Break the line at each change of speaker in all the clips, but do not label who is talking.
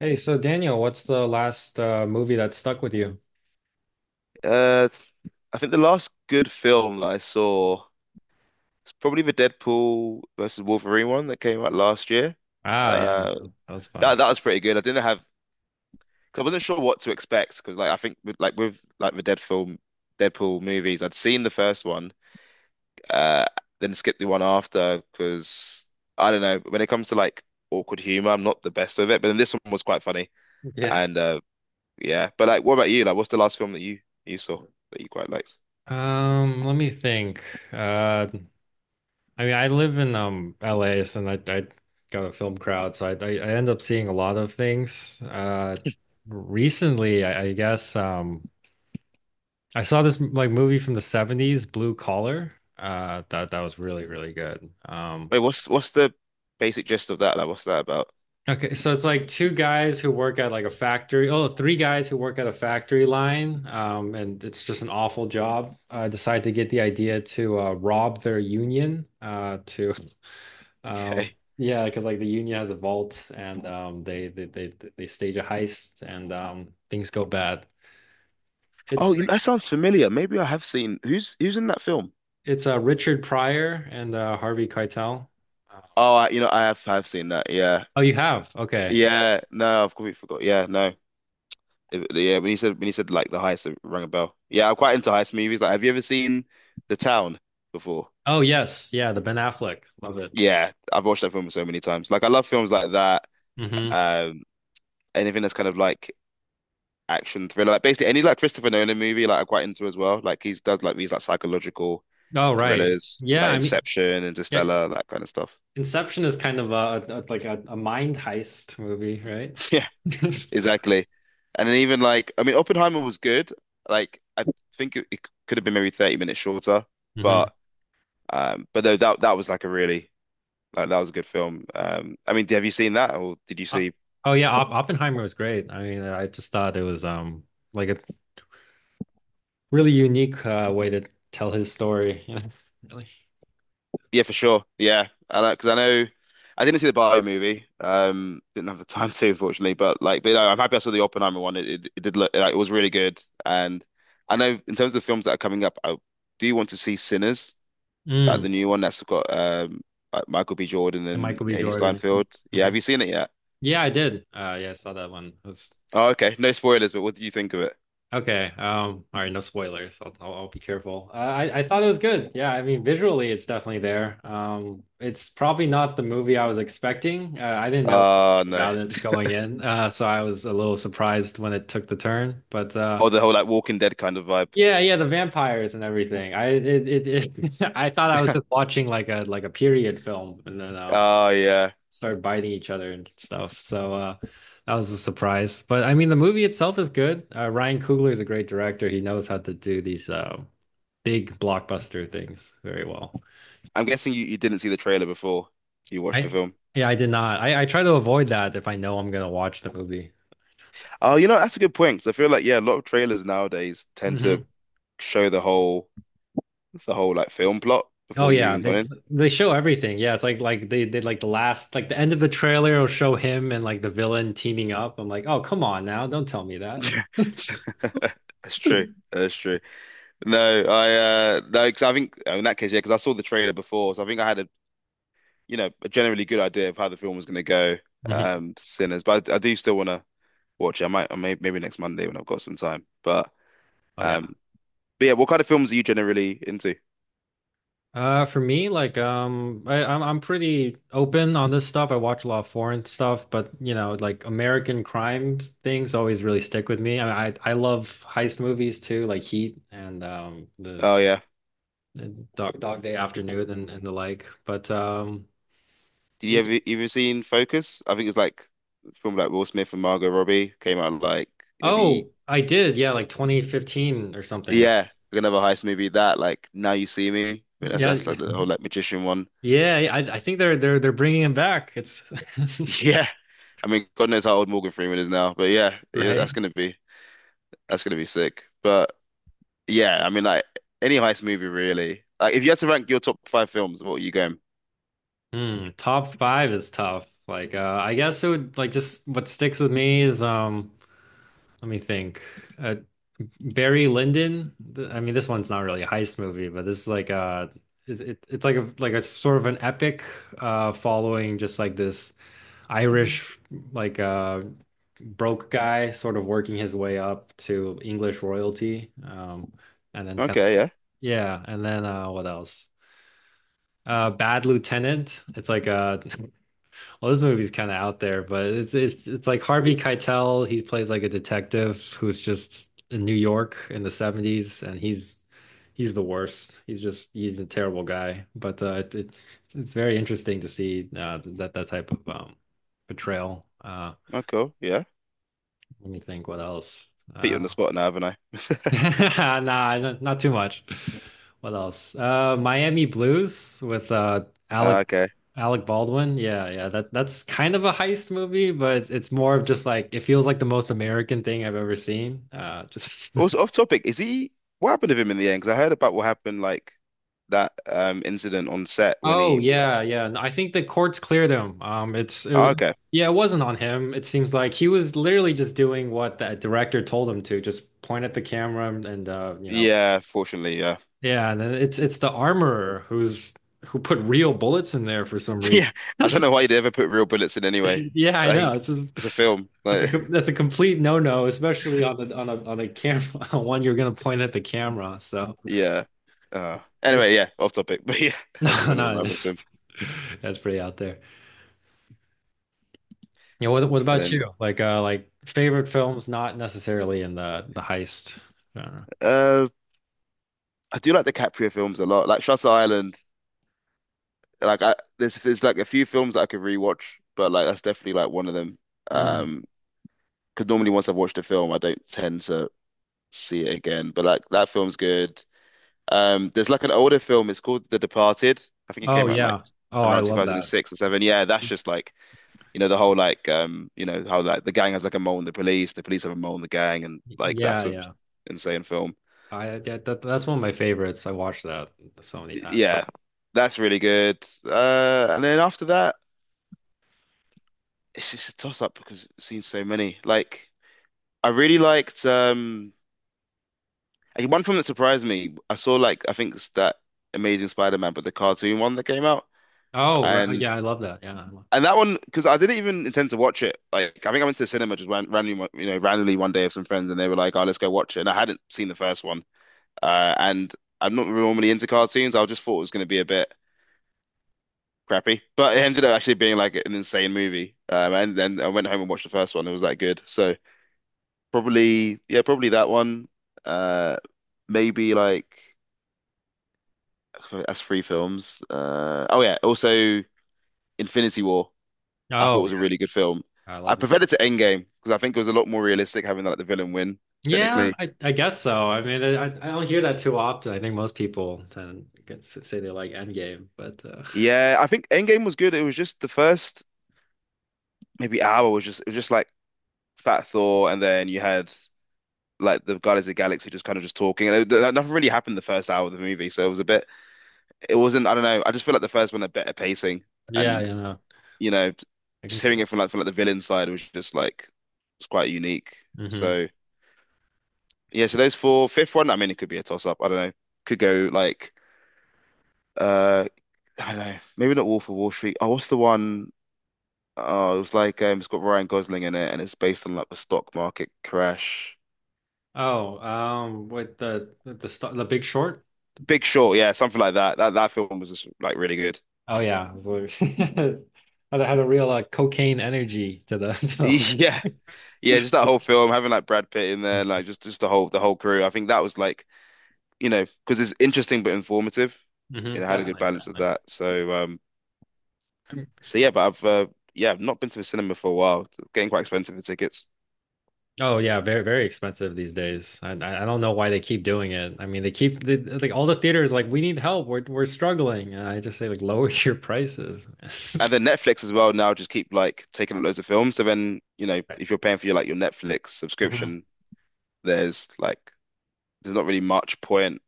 Hey, so Daniel, what's the last movie that stuck with you?
Uh, I think the last good film that I saw was probably the Deadpool versus Wolverine one that came out last year.
Ah, yeah,
Uh,
that was
that
fun.
that was pretty good. I didn't have, cause I wasn't sure what to expect because like I think with like the Dead film, Deadpool movies, I'd seen the first one, uh, then skipped the one after because I don't know. When it comes to like awkward humor, I'm not the best with it. But then this one was quite funny
Yeah.
and yeah. But like, what about you? Like, what's the last film that you saw that you quite liked?
Let me think. Uh, I mean, I live in LA, so I got a film crowd, so I end up seeing a lot of things. Recently, I guess I saw this like movie from the 70s, Blue Collar. That was really really good.
Wait, what's the basic gist of that? Like, what's that about?
Okay, so it's like two guys who work at like a factory. Oh, three guys who work at a factory line, and it's just an awful job. Decide to get the idea to rob their union. To um,
Okay.
yeah, because like the union has a vault, and they they stage a heist, and things go bad.
Oh,
It's
you know, that
like
sounds familiar. Maybe I have seen who's in that film.
it's Richard Pryor and Harvey Keitel.
Oh, I, you know, I have I've seen that. Yeah,
Oh, you have? Okay. Yeah.
yeah. No, I've completely forgot. Yeah, no. Yeah, when you said like the heist, it rang a bell. Yeah, I'm quite into heist movies. Like, have you ever seen The Town before?
Oh, yes. Yeah, the Ben Affleck. Love it.
Yeah, I've watched that film so many times. Like, I love films like that.
Hmm.
Um, Anything that's kind of like action thriller, like basically any like Christopher Nolan movie, like I'm quite into as well. Like he's does like these like psychological
Oh, right.
thrillers
Yeah,
like
I mean,
Inception,
yeah,
Interstellar, that kind of stuff.
Inception is kind of a like a mind heist movie, right?
Yeah, exactly. And then even like, I mean, Oppenheimer was good. Like, I think it could have been maybe 30 minutes shorter, but
hmm.
though that was like a really like that was a good film. I mean, have you seen that or did you see?
Oh yeah, Op Oppenheimer was great. I mean, I just thought it was like a really unique way to tell his story. Really.
Yeah, for sure. Yeah, I because I know I didn't see the Barbie movie. Didn't have the time to, unfortunately. But like, but no, I'm happy I saw the Oppenheimer one. It did look like it was really good. And I know in terms of the films that are coming up, I do want to see Sinners, like the
Mm.
new one that's got like Michael B. Jordan
And
and
Michael B.
Haley
Jordan.
Steinfeld. Yeah,
Hmm.
have you seen it yet?
Yeah, I did. Yeah, I saw that one. It was
Oh, okay. No spoilers, but what do you think of it?
okay. All right, no spoilers. I'll be careful. I thought it was good. Yeah, I mean, visually, it's definitely there. It's probably not the movie I was expecting. I didn't know
Oh no.
about it going in, so I was a little surprised when it took the turn. But
Or the whole like Walking Dead kind of vibe.
yeah, yeah, the vampires and everything. I it I thought I was just watching like a period film, and then
Oh yeah.
start biting each other and stuff. So that was a surprise. But I mean, the movie itself is good. Ryan Coogler is a great director. He knows how to do these big blockbuster things very well.
I'm guessing you didn't see the trailer before you watched the
I
film.
yeah, I did not. I try to avoid that if I know I'm gonna watch the movie.
Oh, you know, that's a good point 'cause I feel like yeah, a lot of trailers nowadays tend to
Hmm.
show the whole like film plot
Oh
before you've
yeah,
even gone in.
they show everything. Yeah, it's like they did like the last like the end of the trailer will show him and like the villain teaming up. I'm like, oh come on now, don't tell me that.
Yeah. That's true. That's true. No, I no, 'Cause I think oh, in that case, yeah, because I saw the trailer before, so I think I had a a generally good idea of how the film was going to go.
Mhm.
Sinners, but I do still want to watch it. I might, I may, maybe next Monday when I've got some time.
Oh yeah.
Um, but yeah, what kind of films are you generally into?
For me, like, I'm pretty open on this stuff. I watch a lot of foreign stuff, but you know, like American crime things always really stick with me. I love heist movies too, like Heat and
Oh yeah.
the Dog Day Afternoon and the like. But
Did you
y-
ever even seen Focus? I think it's like a film like Will Smith and Margot Robbie came out like maybe
oh, I did, yeah, like 2015 or something, right?
yeah, like another heist movie that like Now You See Me. I mean, that's
Yeah,
that's
yeah,
like the whole like magician one.
yeah. I think they're bringing him back. It's
Yeah, I mean God knows how old Morgan Freeman is now, but yeah, yeah,
right.
that's gonna be sick. But yeah, I mean like any heist movie really. Like if you had to rank your top five films, what are you going?
Mm, top five is tough. Like, I guess it would like just what sticks with me is let me think. Uh, Barry Lyndon. I mean, this one's not really a heist movie, but this is like it's like a sort of an epic following just like this Irish like broke guy sort of working his way up to English royalty. And then kind of
Okay, yeah,
yeah, and then what else? Bad Lieutenant. It's like a. Well, this movie's kind of out there, but it's it's like Harvey Keitel. He plays like a detective who's just in New York in the 70s, and he's the worst. He's just he's a terrible guy. But it it's very interesting to see that that type of portrayal.
oh cool, yeah.
Let me think what else.
Put you
Uh,
on the spot now, haven't I?
nah, not too much. What else? Miami Blues with
Okay.
Alec Baldwin, yeah, yeah, that's kind of a heist movie, but it's more of just like it feels like the most American thing I've ever seen. Just
Also off topic, is he what happened to him in the end? Because I heard about what happened like that incident on set when
oh
he
yeah, yeah. No, I think the courts cleared him.
oh, okay.
Yeah, it wasn't on him. It seems like he was literally just doing what that director told him to, just point at the camera and you know,
Yeah, fortunately, yeah.
yeah. And then it's the armorer who's who put real bullets in there for some reason.
Yeah. I don't know why you'd ever put real bullets in anyway.
Yeah, I know.
Like
It's just,
it's a film. Like
that's a complete no-no, especially on the on a camera one you're gonna point at the camera. So
yeah.
it
Anyway, yeah, off topic. But yeah, I was
no,
wondering
no,
what happened to him.
it's, that's pretty out there. Yeah, what
And
about
then
you? Like favorite films, not necessarily in the heist genre.
uh I do like the DiCaprio films a lot. Like Shutter Island. Like I there's like a few films that I could rewatch, but like that's definitely like one of them.
Mm.
Um because normally once I've watched a film, I don't tend to see it again. But like that film's good. There's like an older film. It's called The Departed. I think it
Oh
came out like
yeah. Oh, I
around
love that.
2006 or seven. Yeah, that's just like the whole like you know how like the gang has like a mole in the police have a mole in the gang, and like
Yeah,
that's a
yeah.
insane film.
I that that's one of my favorites. I watched that so many times.
Yeah, that's really good. And then after that, it's just a toss up because I've seen so many. Like I really liked like, one film that surprised me. I saw like I think it's that Amazing Spider-Man, but the cartoon one that came out.
Oh, right.
And
Yeah, I love that. Yeah. I love-
And that one, because I didn't even intend to watch it. Like, I think I went to the cinema just went randomly, you know, randomly one day with some friends, and they were like, "Oh, let's go watch it." And I hadn't seen the first one, and I'm not really normally into cartoons. I just thought it was going to be a bit crappy, but it ended up actually being like an insane movie. And then I went home and watched the first one. It was that good. So probably, yeah, probably that one. Uh, Maybe like that's three films. Oh yeah, also Infinity War. I thought
Oh
it was a really
yeah,
good film.
I
I
love that.
preferred it to Endgame because I think it was a lot more realistic having like the villain win. Mm.
Yeah,
Technically.
I guess so. I mean, I don't hear that too often. I think most people tend to say they like Endgame, but
Yeah, I think Endgame was good. It was just the first maybe hour was just it was just like Fat Thor, and then you had like the Guardians of the Galaxy just kind of just talking. Nothing really happened the first hour of the movie, so it was a bit. It wasn't. I don't know. I just feel like the first one had better pacing,
yeah,
and
you know,
you know,
I can
just
see
hearing
that.
it from like the villain side was just like it's quite unique.
Hmm.
So yeah, so those four. Fifth one, I mean, it could be a toss up. I don't know. Could go like. uh I don't know, maybe not Wolf of Wall Street. Oh, what's the one? Oh, it was like it's got Ryan Gosling in it, and it's based on like the stock market crash.
Oh, with the star, the Big Short.
Big Short, yeah, something like that. That film was just like really good.
Oh yeah, it's like- had a, had a real cocaine energy to the to the whole.
Yeah, yeah, just that whole film having like Brad Pitt in there, like just the whole crew. I think that was like you know because it's interesting but informative.
Hmm.
You
Definitely,
know, had a good balance of
definitely.
that. So
Um,
so yeah, but I've yeah, I've not been to the cinema for a while. It's getting quite expensive for tickets.
Oh yeah, very very expensive these days. I don't know why they keep doing it. I mean, like all the theaters like we need help. We're struggling. And I just say like lower your prices.
And then Netflix as well now just keep like taking up loads of films. So then, you know,
Right.
if you're paying for your like your Netflix
Hmm.
subscription, there's like there's not really much point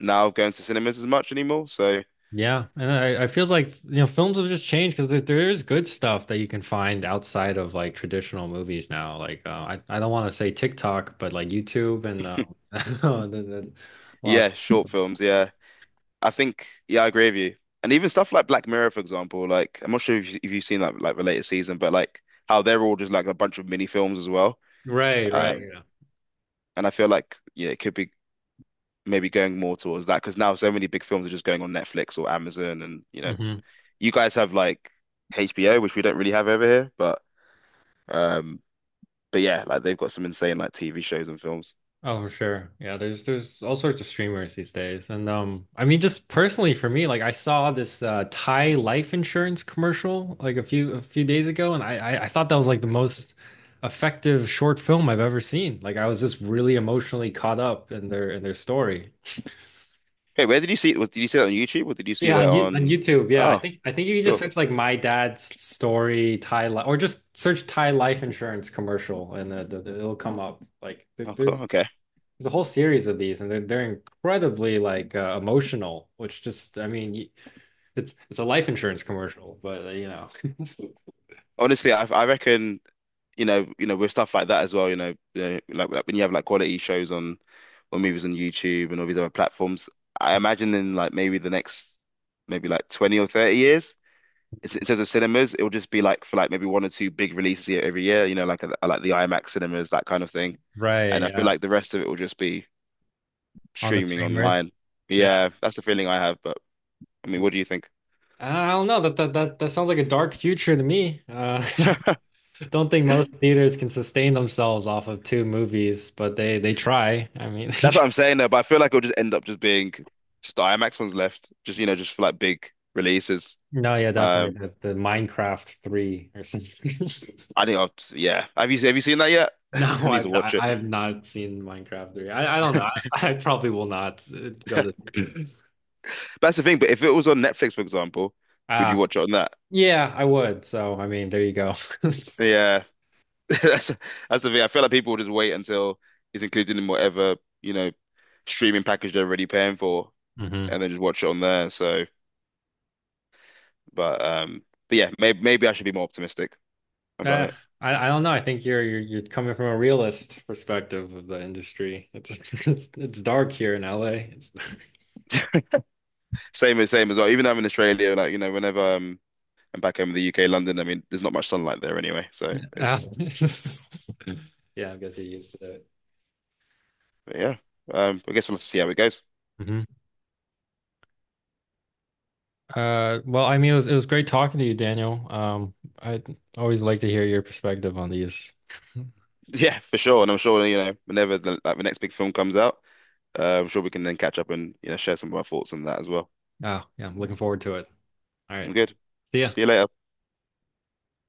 now going to cinemas as much anymore. So
Yeah, and I feels like you know films have just changed because there is good stuff that you can find outside of like traditional movies now. Like I don't want to say TikTok, but like YouTube and the, well,
yeah, short films, yeah. I think yeah, I agree with you. And even stuff like Black Mirror, for example, like I'm not sure if you, if you've seen like the latest season, but like how they're all just like a bunch of mini films as well.
right, right,
Um,
yeah.
and I feel like yeah, it could be maybe going more towards that because now so many big films are just going on Netflix or Amazon, and you know,
Mhm.
you guys have like HBO, which we don't really have over here, um, but yeah, like they've got some insane like TV shows and films.
Oh, for sure. Yeah, there's all sorts of streamers these days. And I mean just personally for me, like I saw this Thai life insurance commercial like a few days ago and I thought that was like the most effective short film I've ever seen. Like I was just really emotionally caught up in their story.
Hey, where did you see it? Was did you see that on YouTube or did you see
Yeah,
that
on, on
on?
YouTube. Yeah,
Oh,
I think you can just
cool.
search like my dad's story Thai life or just search Thai life insurance commercial and it'll come up. Like
Oh, cool.
there's
Okay.
There's a whole series of these, and they're incredibly like emotional, which just I mean, it's a life insurance commercial, but you know,
Honestly, I reckon you know, with stuff like that as well. You know like when you have like quality shows on or movies on YouTube and all these other platforms. I imagine in like maybe the next maybe like 20 or 30 years in terms of cinemas, it will just be like for like maybe one or two big releases here every year, you know, like the IMAX cinemas, that kind of thing.
right,
And I feel
yeah.
like the rest of it will just be
On the
streaming
streamers.
online.
Yeah.
Yeah, that's the feeling I have. But I mean,
It's-
what do you think?
I don't know that sounds like a dark future to me. Don't think most theaters can sustain themselves off of two movies, but they try. I mean,
That's what I'm saying though. But I feel like it'll just end up just being just the IMAX ones left, just you know, just for like big releases.
no, yeah, definitely
Um,
the Minecraft three or something.
I think I'll, yeah. Have you seen that yet? I
No,
need to
I've
watch it.
I have not seen Minecraft 3. I don't know. I probably will not go to
But that's the thing. But if it was on Netflix, for example, would you
Ah,
watch it on that?
yeah, I would. So I mean, there you go.
Yeah. That's that's the thing. I feel like people will just wait until it's included in whatever, you know, streaming package they're already paying for
hmm.
and then just watch it on there. So, but um but yeah, maybe I should be more optimistic
Uh,
about
I don't know. I think you're coming from a realist perspective of the industry. It's it's dark here in LA. It's,
it. Same as well. Even though I'm in Australia, like, you know, whenever I'm back home in the UK, London, I mean, there's not much sunlight there anyway. So
uh,
it's
yeah, I guess you're used to it.
but yeah. I guess we'll have to see how it goes.
Mhm. Well, I mean, it was great talking to you, Daniel. I always like to hear your perspective on these.
Yeah, for sure. And I'm sure, you know, whenever the next big film comes out, I'm sure we can then catch up and, you know, share some of our thoughts on that as well.
Oh, yeah, I'm looking forward to it. All
I'm
right.
good.
See ya.
See you later.